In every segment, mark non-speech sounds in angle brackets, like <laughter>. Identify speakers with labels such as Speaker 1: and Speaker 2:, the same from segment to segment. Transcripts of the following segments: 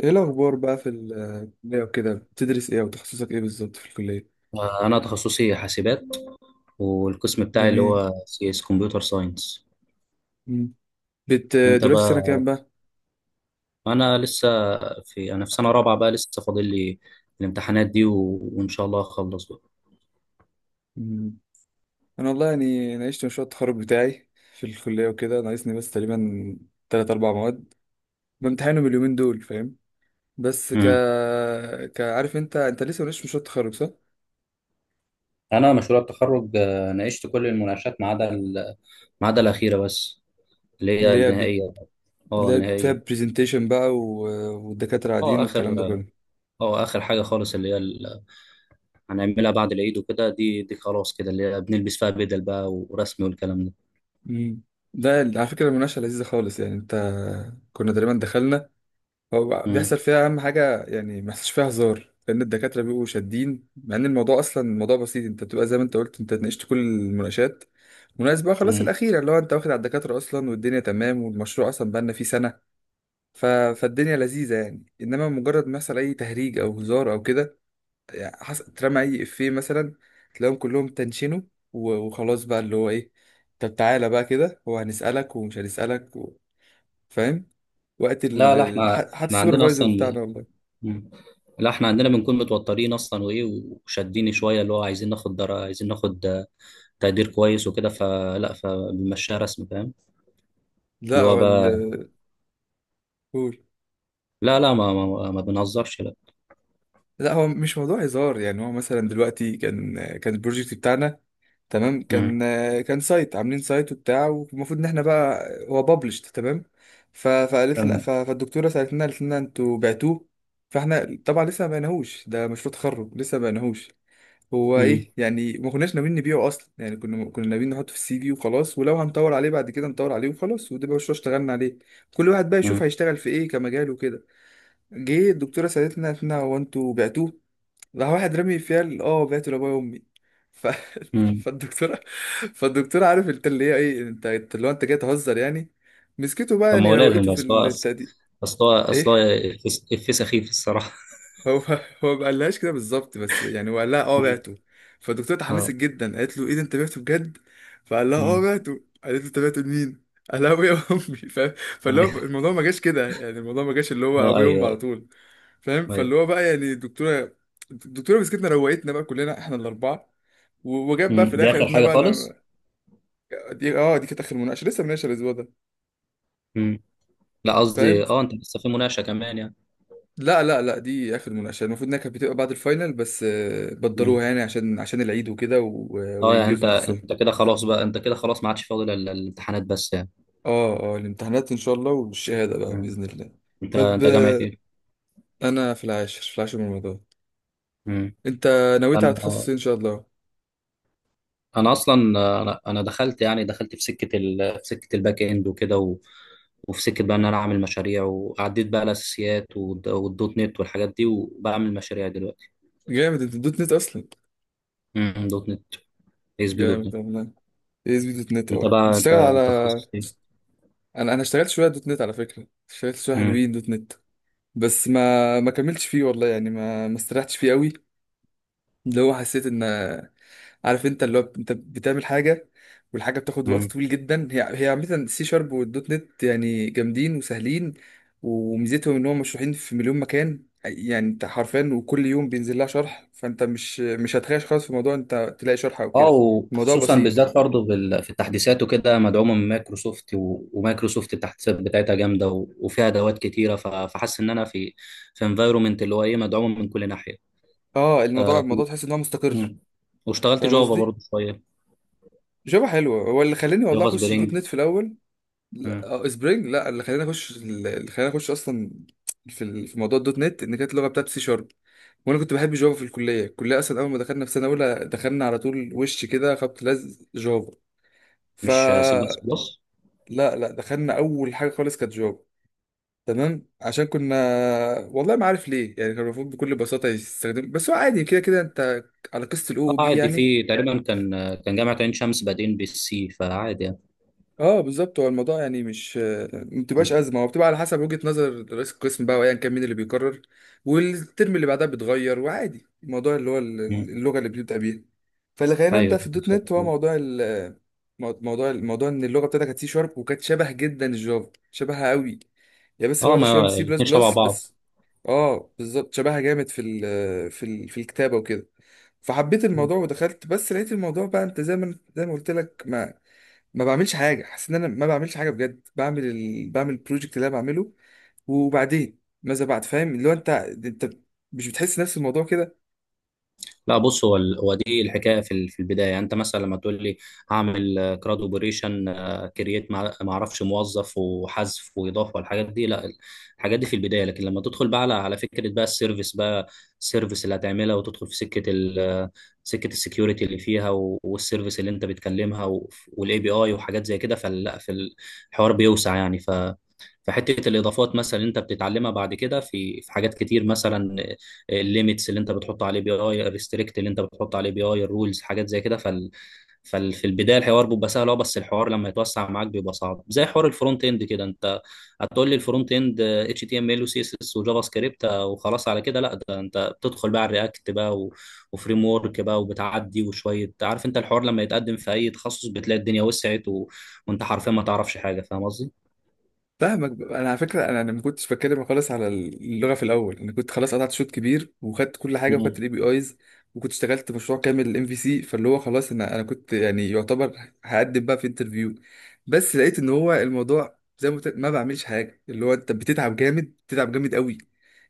Speaker 1: ايه الاخبار بقى في الكليه وكده؟ بتدرس ايه وتخصصك ايه بالظبط في الكليه؟
Speaker 2: آه، أنا تخصصي حاسبات. والقسم بتاعي اللي
Speaker 1: جميل.
Speaker 2: هو CS، كمبيوتر ساينس.
Speaker 1: مم. بت
Speaker 2: أنت
Speaker 1: دلوقتي سنه
Speaker 2: بقى؟
Speaker 1: كام بقى؟
Speaker 2: أنا لسه، في سنة رابعة بقى، لسه فاضل لي الامتحانات دي. وإن شاء الله أخلص بقى.
Speaker 1: مم. انا والله يعني ناقشت مشروع التخرج بتاعي في الكليه وكده، ناقصني بس تقريبا تلات اربع مواد بامتحنهم اليومين دول، فاهم؟ بس ك
Speaker 2: مم.
Speaker 1: ك عارف انت لسه ناقشت مشروع التخرج، صح؟
Speaker 2: أنا مشروع التخرج، ناقشت كل المناقشات، ما عدا الأخيرة بس، اللي هي
Speaker 1: اللي هي بت...
Speaker 2: النهائية. أه،
Speaker 1: اللي هي فيها
Speaker 2: النهائية.
Speaker 1: برزنتيشن بقى والدكاتره
Speaker 2: أه،
Speaker 1: قاعدين
Speaker 2: آخر
Speaker 1: والكلام ده
Speaker 2: أه
Speaker 1: كله.
Speaker 2: آه، آخر حاجة خالص، هنعملها بعد العيد وكده. دي خلاص كده، اللي هي بنلبس فيها بدل بقى ورسمي والكلام ده.
Speaker 1: مم. ده على فكره المناقشه لذيذه خالص، يعني انت كنا تقريبا دخلنا، هو
Speaker 2: مم.
Speaker 1: بيحصل فيها اهم حاجه، يعني ما فيش فيها هزار لان الدكاتره بيبقوا شادين، مع ان الموضوع اصلا الموضوع بسيط. انت بتبقى زي ما انت قلت، انت ناقشت كل المناقشات مناسبة بقى، خلاص
Speaker 2: مم.
Speaker 1: الاخيره اللي هو انت واخد على الدكاتره اصلا والدنيا تمام، والمشروع اصلا بقالنا فيه سنه. ف... فالدنيا لذيذه يعني، انما مجرد ما يحصل اي تهريج او هزار او كده، يعني اترمى اي افيه مثلا، تلاقيهم كلهم تنشنوا وخلاص بقى اللي هو ايه. طب تعالى بقى كده، هو هنسالك ومش هنسألك فاهم؟ وقت
Speaker 2: لا، لا، احنا
Speaker 1: حتى
Speaker 2: احنا عندنا
Speaker 1: السوبرفايزر
Speaker 2: اصلا.
Speaker 1: بتاعنا والله.
Speaker 2: مم. لا، احنا عندنا بنكون متوترين اصلا، وايه، وشادين شويه، اللي هو عايزين ناخد تقدير كويس وكده، فلا، فبنمشيها رسم، فاهم.
Speaker 1: لا
Speaker 2: اللي هو
Speaker 1: هو
Speaker 2: بقى.
Speaker 1: قول.
Speaker 2: لا، لا، ما بنهزرش، لا.
Speaker 1: لا هو مش موضوع هزار يعني، هو مثلا دلوقتي كان البروجكت بتاعنا تمام،
Speaker 2: مم.
Speaker 1: كان كان سايت، عاملين سايت وبتاع والمفروض ان احنا بقى هو بابلشت تمام. فقالت لنا،
Speaker 2: تمام.
Speaker 1: فالدكتوره سالتنا قالت لنا انتوا بعتوه؟ فاحنا طبعا لسه ما بعناهوش، ده مشروع تخرج لسه ما بعناهوش هو.
Speaker 2: مم.
Speaker 1: ايه يعني ما كناش ناويين نبيعه اصلا، يعني كنا ناويين نحطه في السي في وخلاص، ولو هنطور عليه بعد كده نطور عليه وخلاص. وده بقى مشروع اشتغلنا عليه، كل واحد بقى
Speaker 2: مم.
Speaker 1: يشوف هيشتغل في ايه كمجال وكده. جه الدكتورة سألتنا قالت لنا هو انتوا بعتوه؟ راح واحد رامي فيها اه بعته لابويا وامي. ف... <laughs>
Speaker 2: مم.
Speaker 1: فالدكتورة، فالدكتورة عارف انت اللي هي ايه، انت اللي هو انت جاي تهزر يعني، مسكته بقى
Speaker 2: طب، ما
Speaker 1: يعني
Speaker 2: هو
Speaker 1: روقته
Speaker 2: لازم،
Speaker 1: في
Speaker 2: بس هو أص-
Speaker 1: البتاع دي.
Speaker 2: اصل هو
Speaker 1: <laughs>
Speaker 2: اصل هو إفيه سخيف الصراحه.
Speaker 1: هو <laughs> هو ما قالهاش كده بالظبط بس، يعني هو قال لها اه
Speaker 2: مم.
Speaker 1: بعته. فالدكتوره
Speaker 2: <laughs>
Speaker 1: اتحمست
Speaker 2: اه.
Speaker 1: جدا قالت له ايه ده، انت بعته بجد؟ فقال لها اه
Speaker 2: مم.
Speaker 1: بعته. قالت له انت بعته لمين؟ <laughs> قال لها ابويا وامي، فاهم؟ فاللي هو الموضوع ما جاش كده يعني، الموضوع ما جاش اللي هو
Speaker 2: اه،
Speaker 1: ابويا وامي على
Speaker 2: ايوه،
Speaker 1: طول، فاهم؟ فاللي
Speaker 2: ايوه.
Speaker 1: هو بقى يعني الدكتوره، الدكتوره مسكتنا روقتنا بقى كلنا احنا الاربعه، وجاب بقى
Speaker 2: مم.
Speaker 1: في
Speaker 2: دي
Speaker 1: الاخر
Speaker 2: اخر
Speaker 1: قالت لنا
Speaker 2: حاجه
Speaker 1: بقى
Speaker 2: خالص.
Speaker 1: لما، دي اه دي كانت اخر مناقشه، لسه مناقشه الاسبوع ده
Speaker 2: مم. لا، قصدي،
Speaker 1: فاهم.
Speaker 2: انت لسه في مناقشه كمان؟
Speaker 1: لا لا لا دي اخر مناقشه، المفروض انها كانت بتبقى بعد الفاينل، بس
Speaker 2: يعني،
Speaker 1: بدروها يعني عشان عشان العيد وكده
Speaker 2: اه، يعني، انت
Speaker 1: وينجزوا نفسهم.
Speaker 2: انت كده خلاص بقى، انت كده خلاص ما عادش فاضل الامتحانات بس يعني.
Speaker 1: اه اه الامتحانات ان شاء الله، والشهاده بقى
Speaker 2: مم.
Speaker 1: باذن الله.
Speaker 2: انت
Speaker 1: طب
Speaker 2: انت جامعة ايه؟
Speaker 1: انا في العاشر، في العاشر من رمضان.
Speaker 2: مم.
Speaker 1: انت نويت على تخصص
Speaker 2: انا
Speaker 1: إيه ان شاء الله؟
Speaker 2: انا اصلا، انا دخلت يعني، دخلت في سكة ال... في سكة الباك اند وكده. وفي سكة بقى ان انا اعمل مشاريع، وعديت بقى الاساسيات والدوت نت والحاجات دي، وبعمل مشاريع دلوقتي.
Speaker 1: جامد، انت دوت نت اصلا؟
Speaker 2: مم. دوت نت، اس بي دوت
Speaker 1: جامد
Speaker 2: نت
Speaker 1: والله. إيه اس بي دوت نت،
Speaker 2: انت
Speaker 1: اه
Speaker 2: بقى، انت
Speaker 1: بتشتغل على،
Speaker 2: انت تخصص ايه؟
Speaker 1: انا اشتغلت شويه دوت نت على فكره، اشتغلت شويه
Speaker 2: مم.
Speaker 1: حلوين دوت نت، بس ما كملتش فيه والله، يعني ما استريحتش فيه قوي. اللي هو حسيت ان عارف انت اللي هو انت بتعمل حاجه، والحاجه بتاخد وقت
Speaker 2: مم.
Speaker 1: طويل جدا، هي هي عامه السي شارب والدوت نت يعني جامدين وسهلين، وميزتهم ان هم مشروحين في مليون مكان، يعني انت حرفيا وكل يوم بينزل لها شرح، فانت مش هتخايش خالص في موضوع، انت تلاقي شرح او
Speaker 2: اه،
Speaker 1: كده. الموضوع
Speaker 2: وخصوصا
Speaker 1: بسيط.
Speaker 2: بالذات برضه في التحديثات وكده، مدعومه من مايكروسوفت، ومايكروسوفت التحديثات بتاعتها جامده، وفيها ادوات كتيره، فحاسس ان انا في انفايرومنت اللي هو ايه، مدعومه من كل ناحيه.
Speaker 1: اه الموضوع،
Speaker 2: آه.
Speaker 1: الموضوع تحس ان هو مستقر،
Speaker 2: مم. واشتغلت
Speaker 1: فاهم
Speaker 2: جافا
Speaker 1: قصدي؟
Speaker 2: برضه شويه.
Speaker 1: جافا حلوه، هو اللي خلاني والله
Speaker 2: جافا
Speaker 1: اخش دوت
Speaker 2: سبرينج.
Speaker 1: نت في الاول. لا
Speaker 2: مم.
Speaker 1: اه سبرينج، لا اللي خلاني اخش، اللي خلاني اخش اصلا في في موضوع الدوت نت ان كانت اللغه بتاعت سي شارب، وانا كنت بحب جافا في الكليه. الكليه اصلا اول ما دخلنا في سنه اولى دخلنا على طول وش كده خبط لزق جافا. ف
Speaker 2: مش C++.
Speaker 1: لا لا دخلنا اول حاجه خالص كانت جافا، تمام عشان كنا، والله ما عارف ليه يعني، كان المفروض بكل بساطه يستخدم، بس هو عادي كده كده انت، على قصه الاو
Speaker 2: اه،
Speaker 1: او بي
Speaker 2: عادي،
Speaker 1: يعني.
Speaker 2: في تقريبا كان جامعه عين شمس، بعدين بالسي، فعادي يعني.
Speaker 1: اه بالظبط، هو الموضوع يعني مش ما بتبقاش
Speaker 2: مم.
Speaker 1: ازمه، هو بتبقى على حسب وجهه نظر رئيس القسم بقى، وايا كان مين اللي بيقرر، والترم اللي بعدها بيتغير وعادي. الموضوع اللي هو
Speaker 2: مم.
Speaker 1: اللغه اللي بنبدا بيها، فاللي خلينا نبدا في
Speaker 2: ايوه
Speaker 1: الدوت
Speaker 2: بالظبط
Speaker 1: نت هو
Speaker 2: كده.
Speaker 1: موضوع موضوع، الموضوع ان اللغه بتاعتها كانت سي شارب وكانت شبه جدا الجافا، شبهها قوي، هي بس
Speaker 2: اه،
Speaker 1: واخده شويه من
Speaker 2: ما
Speaker 1: سي بلس
Speaker 2: الاثنين شبه
Speaker 1: بلس
Speaker 2: بعض.
Speaker 1: بس. اه بالظبط، شبهها جامد في ال في ال في الكتابه وكده. فحبيت الموضوع ودخلت، بس لقيت الموضوع بقى انت زي ما قلت لك، ما بعملش حاجه، حاسس ان انا ما بعملش حاجه بجد، بعمل بعمل البروجكت اللي انا بعمله، وبعدين ماذا بعد، فاهم؟ اللي هو انت مش بتحس نفس الموضوع كده.
Speaker 2: لا، بص، هو دي الحكايه، في البدايه يعني، انت مثلا لما تقول لي هعمل كراد اوبريشن، كرييت ما اعرفش موظف، وحذف، واضافه، والحاجات دي، لا. الحاجات دي في البدايه، لكن لما تدخل بقى على فكره بقى السيرفيس بقى، السيرفيس اللي هتعملها، وتدخل في سكه السكيورتي اللي فيها، والسيرفيس اللي انت بتكلمها، والاي بي اي وحاجات زي كده، فلا، في الحوار بيوسع يعني، فحته الاضافات مثلا، انت بتتعلمها بعد كده، في حاجات كتير مثلا، الليميتس اللي انت بتحط عليه بي اي، الريستريكت اللي انت بتحط عليه بي اي، الرولز، حاجات زي كده، ففي البدايه الحوار بيبقى سهل، اه، بس الحوار لما يتوسع معاك بيبقى صعب، زي حوار الفرونت اند كده، انت هتقول لي الفرونت اند HTML، وسي اس اس، وجافا سكريبت، وخلاص على كده، لا، ده انت بتدخل بقى على الرياكت بقى، وفريم ورك بقى، وبتعدي، وشويه عارف انت، الحوار لما يتقدم في اي تخصص بتلاقي الدنيا وسعت، وانت حرفيا ما تعرفش حاجه، فاهم قصدي؟
Speaker 1: فاهمك. انا على فكره، أنا ما كنتش بتكلم خالص على اللغه في الاول، انا كنت خلاص قطعت شوط كبير وخدت كل حاجه وخدت الاي بي ايز، وكنت اشتغلت مشروع كامل الام في سي، فاللي هو خلاص، انا كنت يعني يعتبر هقدم بقى في انترفيو. بس لقيت ان هو الموضوع زي ما قلت لك، ما بعملش حاجه اللي هو انت بتتعب جامد، بتتعب جامد قوي،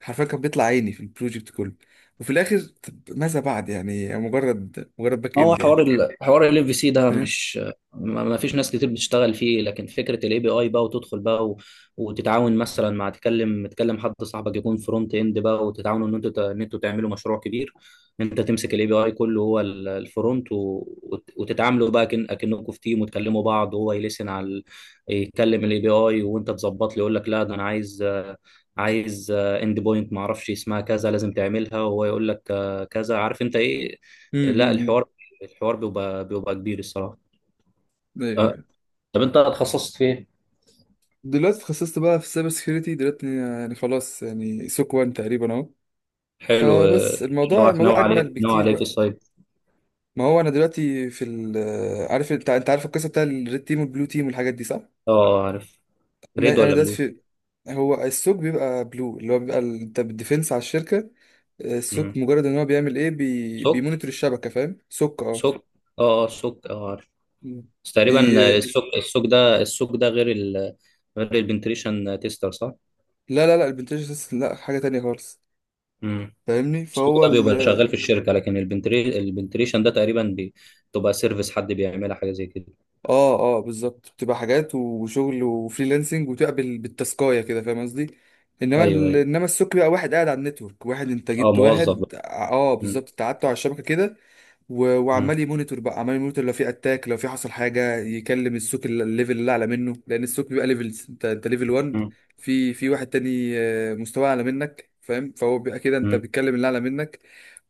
Speaker 1: حرفيا كان بيطلع عيني في البروجكت كله، وفي الاخر طب ماذا بعد يعني، مجرد مجرد باك
Speaker 2: ما هو
Speaker 1: اند يعني.
Speaker 2: حوار ال... حوار ال في سي
Speaker 1: <laughs>
Speaker 2: ده،
Speaker 1: فاهم؟
Speaker 2: مش ما فيش ناس كتير بتشتغل فيه، لكن فكره الاي بي اي بقى، وتدخل بقى، وتتعاون مثلا، مع تكلم حد صاحبك يكون فرونت اند بقى، وتتعاونوا ان انتوا تعملوا مشروع كبير، ان انت تمسك الاي بي اي كله، هو الفرونت، وتتعاملوا بقى كأنكم في تيم، وتكلموا بعض، وهو يلسن على يتكلم الاي بي اي، وانت تظبط لي، يقول لك لا ده انا عايز، عايز اند بوينت ما اعرفش اسمها كذا، لازم تعملها، وهو يقول لك كذا عارف انت ايه. لا،
Speaker 1: أمم، أمم.
Speaker 2: الحوار بيبقى كبير الصراحه. أه.
Speaker 1: ايوه.
Speaker 2: طب انت اتخصصت في ايه؟
Speaker 1: دلوقتي اتخصصت بقى في السايبر سكيورتي دلوقتي، يعني خلاص يعني سوك وان تقريبا اهو.
Speaker 2: حلو،
Speaker 1: فبس الموضوع،
Speaker 2: نوع
Speaker 1: الموضوع اجمل
Speaker 2: عليه، نوع
Speaker 1: بكتير
Speaker 2: عليه في
Speaker 1: بقى.
Speaker 2: السايب.
Speaker 1: ما هو انا دلوقتي في ال، عارف انت، انت عارف القصه بتاع الريد تيم والبلو تيم والحاجات دي، صح؟
Speaker 2: اه، عارف.
Speaker 1: ما
Speaker 2: ريد
Speaker 1: انا
Speaker 2: ولا
Speaker 1: دلوقتي
Speaker 2: بلو؟
Speaker 1: في، هو السوك بيبقى بلو، اللي هو بيبقى انت بالديفنس على الشركه. السوك
Speaker 2: مم.
Speaker 1: مجرد ان هو بيعمل
Speaker 2: سوك.
Speaker 1: بيمونيتور الشبكه، فاهم؟ سوك اه.
Speaker 2: سوك. اه، سوك، اه عارف. بس
Speaker 1: بي،
Speaker 2: تقريبا. السوك ده غير ال غير البنتريشن تيستر صح؟
Speaker 1: لا لا لا البنتاج لا، حاجه تانية خالص.
Speaker 2: مم.
Speaker 1: فاهمني؟
Speaker 2: السوك
Speaker 1: فهو
Speaker 2: ده بيبقى شغال في الشركه، لكن البنتريشن ده تقريبا بتبقى سيرفيس حد بيعملها حاجه زي كده.
Speaker 1: اه اه بالظبط، بتبقى حاجات وشغل وفريلانسنج وتقبل بالتاسكايه كده، فاهم قصدي؟
Speaker 2: ايوه، ايوه.
Speaker 1: انما السوق بقى واحد قاعد على النتورك، واحد انت
Speaker 2: اه،
Speaker 1: جبت
Speaker 2: موظف بقى.
Speaker 1: واحد اه
Speaker 2: مم.
Speaker 1: بالظبط انت قعدته على الشبكه كده،
Speaker 2: مم.
Speaker 1: وعمال يمونيتور بقى، عمال يمونيتور لو في اتاك، لو في حصل حاجه يكلم السوق الليفل اللي اعلى منه، لان السوق بيبقى ليفلز، انت ليفل 1،
Speaker 2: مم.
Speaker 1: في في واحد تاني مستواه اعلى منك فاهم. فهو بيبقى كده، انت
Speaker 2: مم.
Speaker 1: بتكلم اللي اعلى منك.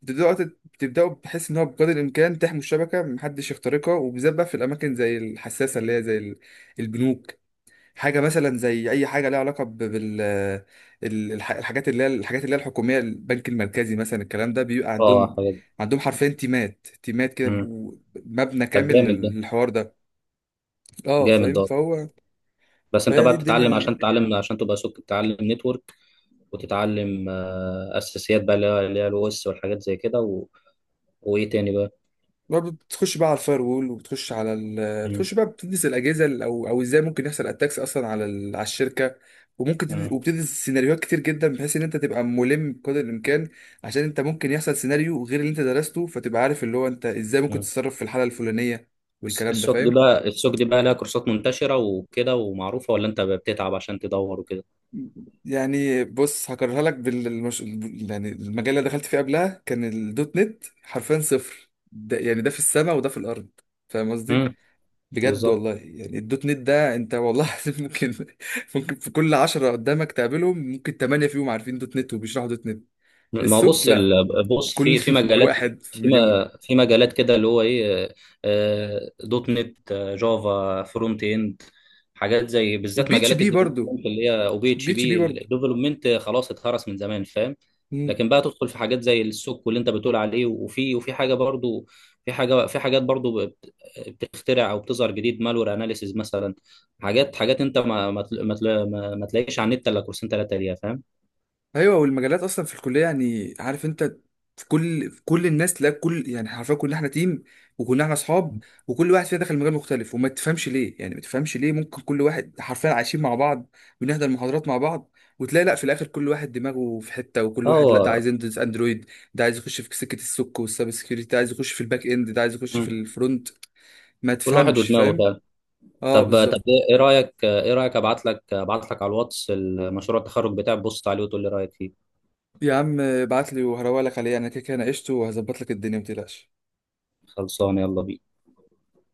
Speaker 1: بتبداوا بحيث ان هو بقدر الامكان تحموا الشبكه محدش يخترقها، وبالذات بقى في الاماكن زي الحساسه اللي هي زي البنوك، حاجه مثلا زي اي حاجه ليها علاقه بال الحاجات اللي هي الحاجات اللي هي الحكوميه، البنك المركزي مثلا، الكلام ده بيبقى
Speaker 2: اه،
Speaker 1: عندهم،
Speaker 2: حاجه.
Speaker 1: عندهم حرفيا تيمات تيمات كده،
Speaker 2: مم.
Speaker 1: مبنى
Speaker 2: طب
Speaker 1: كامل
Speaker 2: جامد ده.
Speaker 1: للحوار ده. اه
Speaker 2: جامد
Speaker 1: فاهم.
Speaker 2: ده.
Speaker 1: فهو
Speaker 2: بس انت
Speaker 1: فهي
Speaker 2: بقى
Speaker 1: دي
Speaker 2: بتتعلم
Speaker 1: الدنيا.
Speaker 2: عشان تتعلم، عشان تبقى سوق، تتعلم نتورك، وتتعلم اساسيات بقى، اللي هي الاو اس والحاجات زي كده، وايه تاني بقى.
Speaker 1: ما بتخش بقى على الفاير وول وبتخش على
Speaker 2: مم.
Speaker 1: بتخش بقى بتدرس الاجهزه او او ازاي ممكن يحصل اتاكس اصلا على على الشركه،
Speaker 2: مم.
Speaker 1: وبتدرس سيناريوهات كتر جدا بحيث ان انت تبقى ملم بقدر الامكان، عشان انت ممكن يحصل سيناريو غير اللي انت درسته، فتبقى عارف اللي هو انت ازاي ممكن
Speaker 2: مم.
Speaker 1: تتصرف في الحاله الفلانيه والكلام ده،
Speaker 2: السوق دي
Speaker 1: فاهم؟
Speaker 2: بقى السوق دي بقى لها كورسات منتشرة وكده ومعروفة، ولا انت بتتعب عشان تدور وكده؟
Speaker 1: يعني بص هكررها لك يعني المجال اللي دخلت فيه قبلها كان الدوت نت حرفيا صفر، ده يعني ده في السماء وده في الارض، فاهم قصدي؟
Speaker 2: مم.
Speaker 1: بجد
Speaker 2: بالظبط.
Speaker 1: والله، يعني الدوت نت ده انت والله العظيم ممكن، ممكن في كل عشرة قدامك تقابلهم ممكن تمانية فيهم عارفين دوت نت وبيشرحوا دوت نت.
Speaker 2: ما هو
Speaker 1: السوق
Speaker 2: بص
Speaker 1: لا،
Speaker 2: بص
Speaker 1: كل
Speaker 2: في
Speaker 1: <laughs>
Speaker 2: مجالات،
Speaker 1: واحد في
Speaker 2: في
Speaker 1: مليون.
Speaker 2: ما- في مجالات كده، اللي هو ايه، دوت نت، جافا، فرونت اند، حاجات زي بالذات
Speaker 1: والبي اتش
Speaker 2: مجالات
Speaker 1: بي برضه،
Speaker 2: الديفلوبمنت، اللي هي او بي اتش
Speaker 1: بي اتش بي
Speaker 2: بي
Speaker 1: برضه.
Speaker 2: الديفلوبمنت خلاص اتهرس من زمان، فاهم. لكن بقى تدخل في حاجات زي السوق واللي انت بتقول عليه، وفي حاجه برضو، في حاجات برضو بتخترع او بتظهر جديد، مالور اناليسيز مثلا، حاجات حاجات انت ما ما تل- ما تل- ما- ما تلاقيش على النت الا كورسين ثلاثه ليها، فاهم.
Speaker 1: ايوه، والمجالات اصلا في الكليه يعني عارف انت، في كل الناس تلاقي كل، يعني حرفيا كلنا احنا تيم وكلنا احنا اصحاب، وكل واحد فينا دخل مجال مختلف، وما تفهمش ليه يعني، ما تفهمش ليه، ممكن كل واحد حرفيا عايشين مع بعض، بنحضر محاضرات مع بعض، وتلاقي لا في الاخر كل واحد دماغه في حته، وكل واحد لا ده
Speaker 2: اه،
Speaker 1: عايز يندرس اندرويد، ده عايز يخش في سكه السوك والسايبر سكيورتي، ده عايز يخش في الباك اند، ده عايز يخش في الفرونت. ما
Speaker 2: كل واحد
Speaker 1: تفهمش
Speaker 2: ودماغه
Speaker 1: فاهم.
Speaker 2: فعلا.
Speaker 1: اه
Speaker 2: طب،
Speaker 1: بالظبط.
Speaker 2: ايه رايك، ابعت لك على الواتس المشروع التخرج بتاعك، بص عليه وتقول لي رايك فيه.
Speaker 1: يا عم ابعت لي وهروق لك عليه، يعني انا كده كده ناقشته وهظبط لك الدنيا ما تقلقش.
Speaker 2: خلصان، يلا بينا.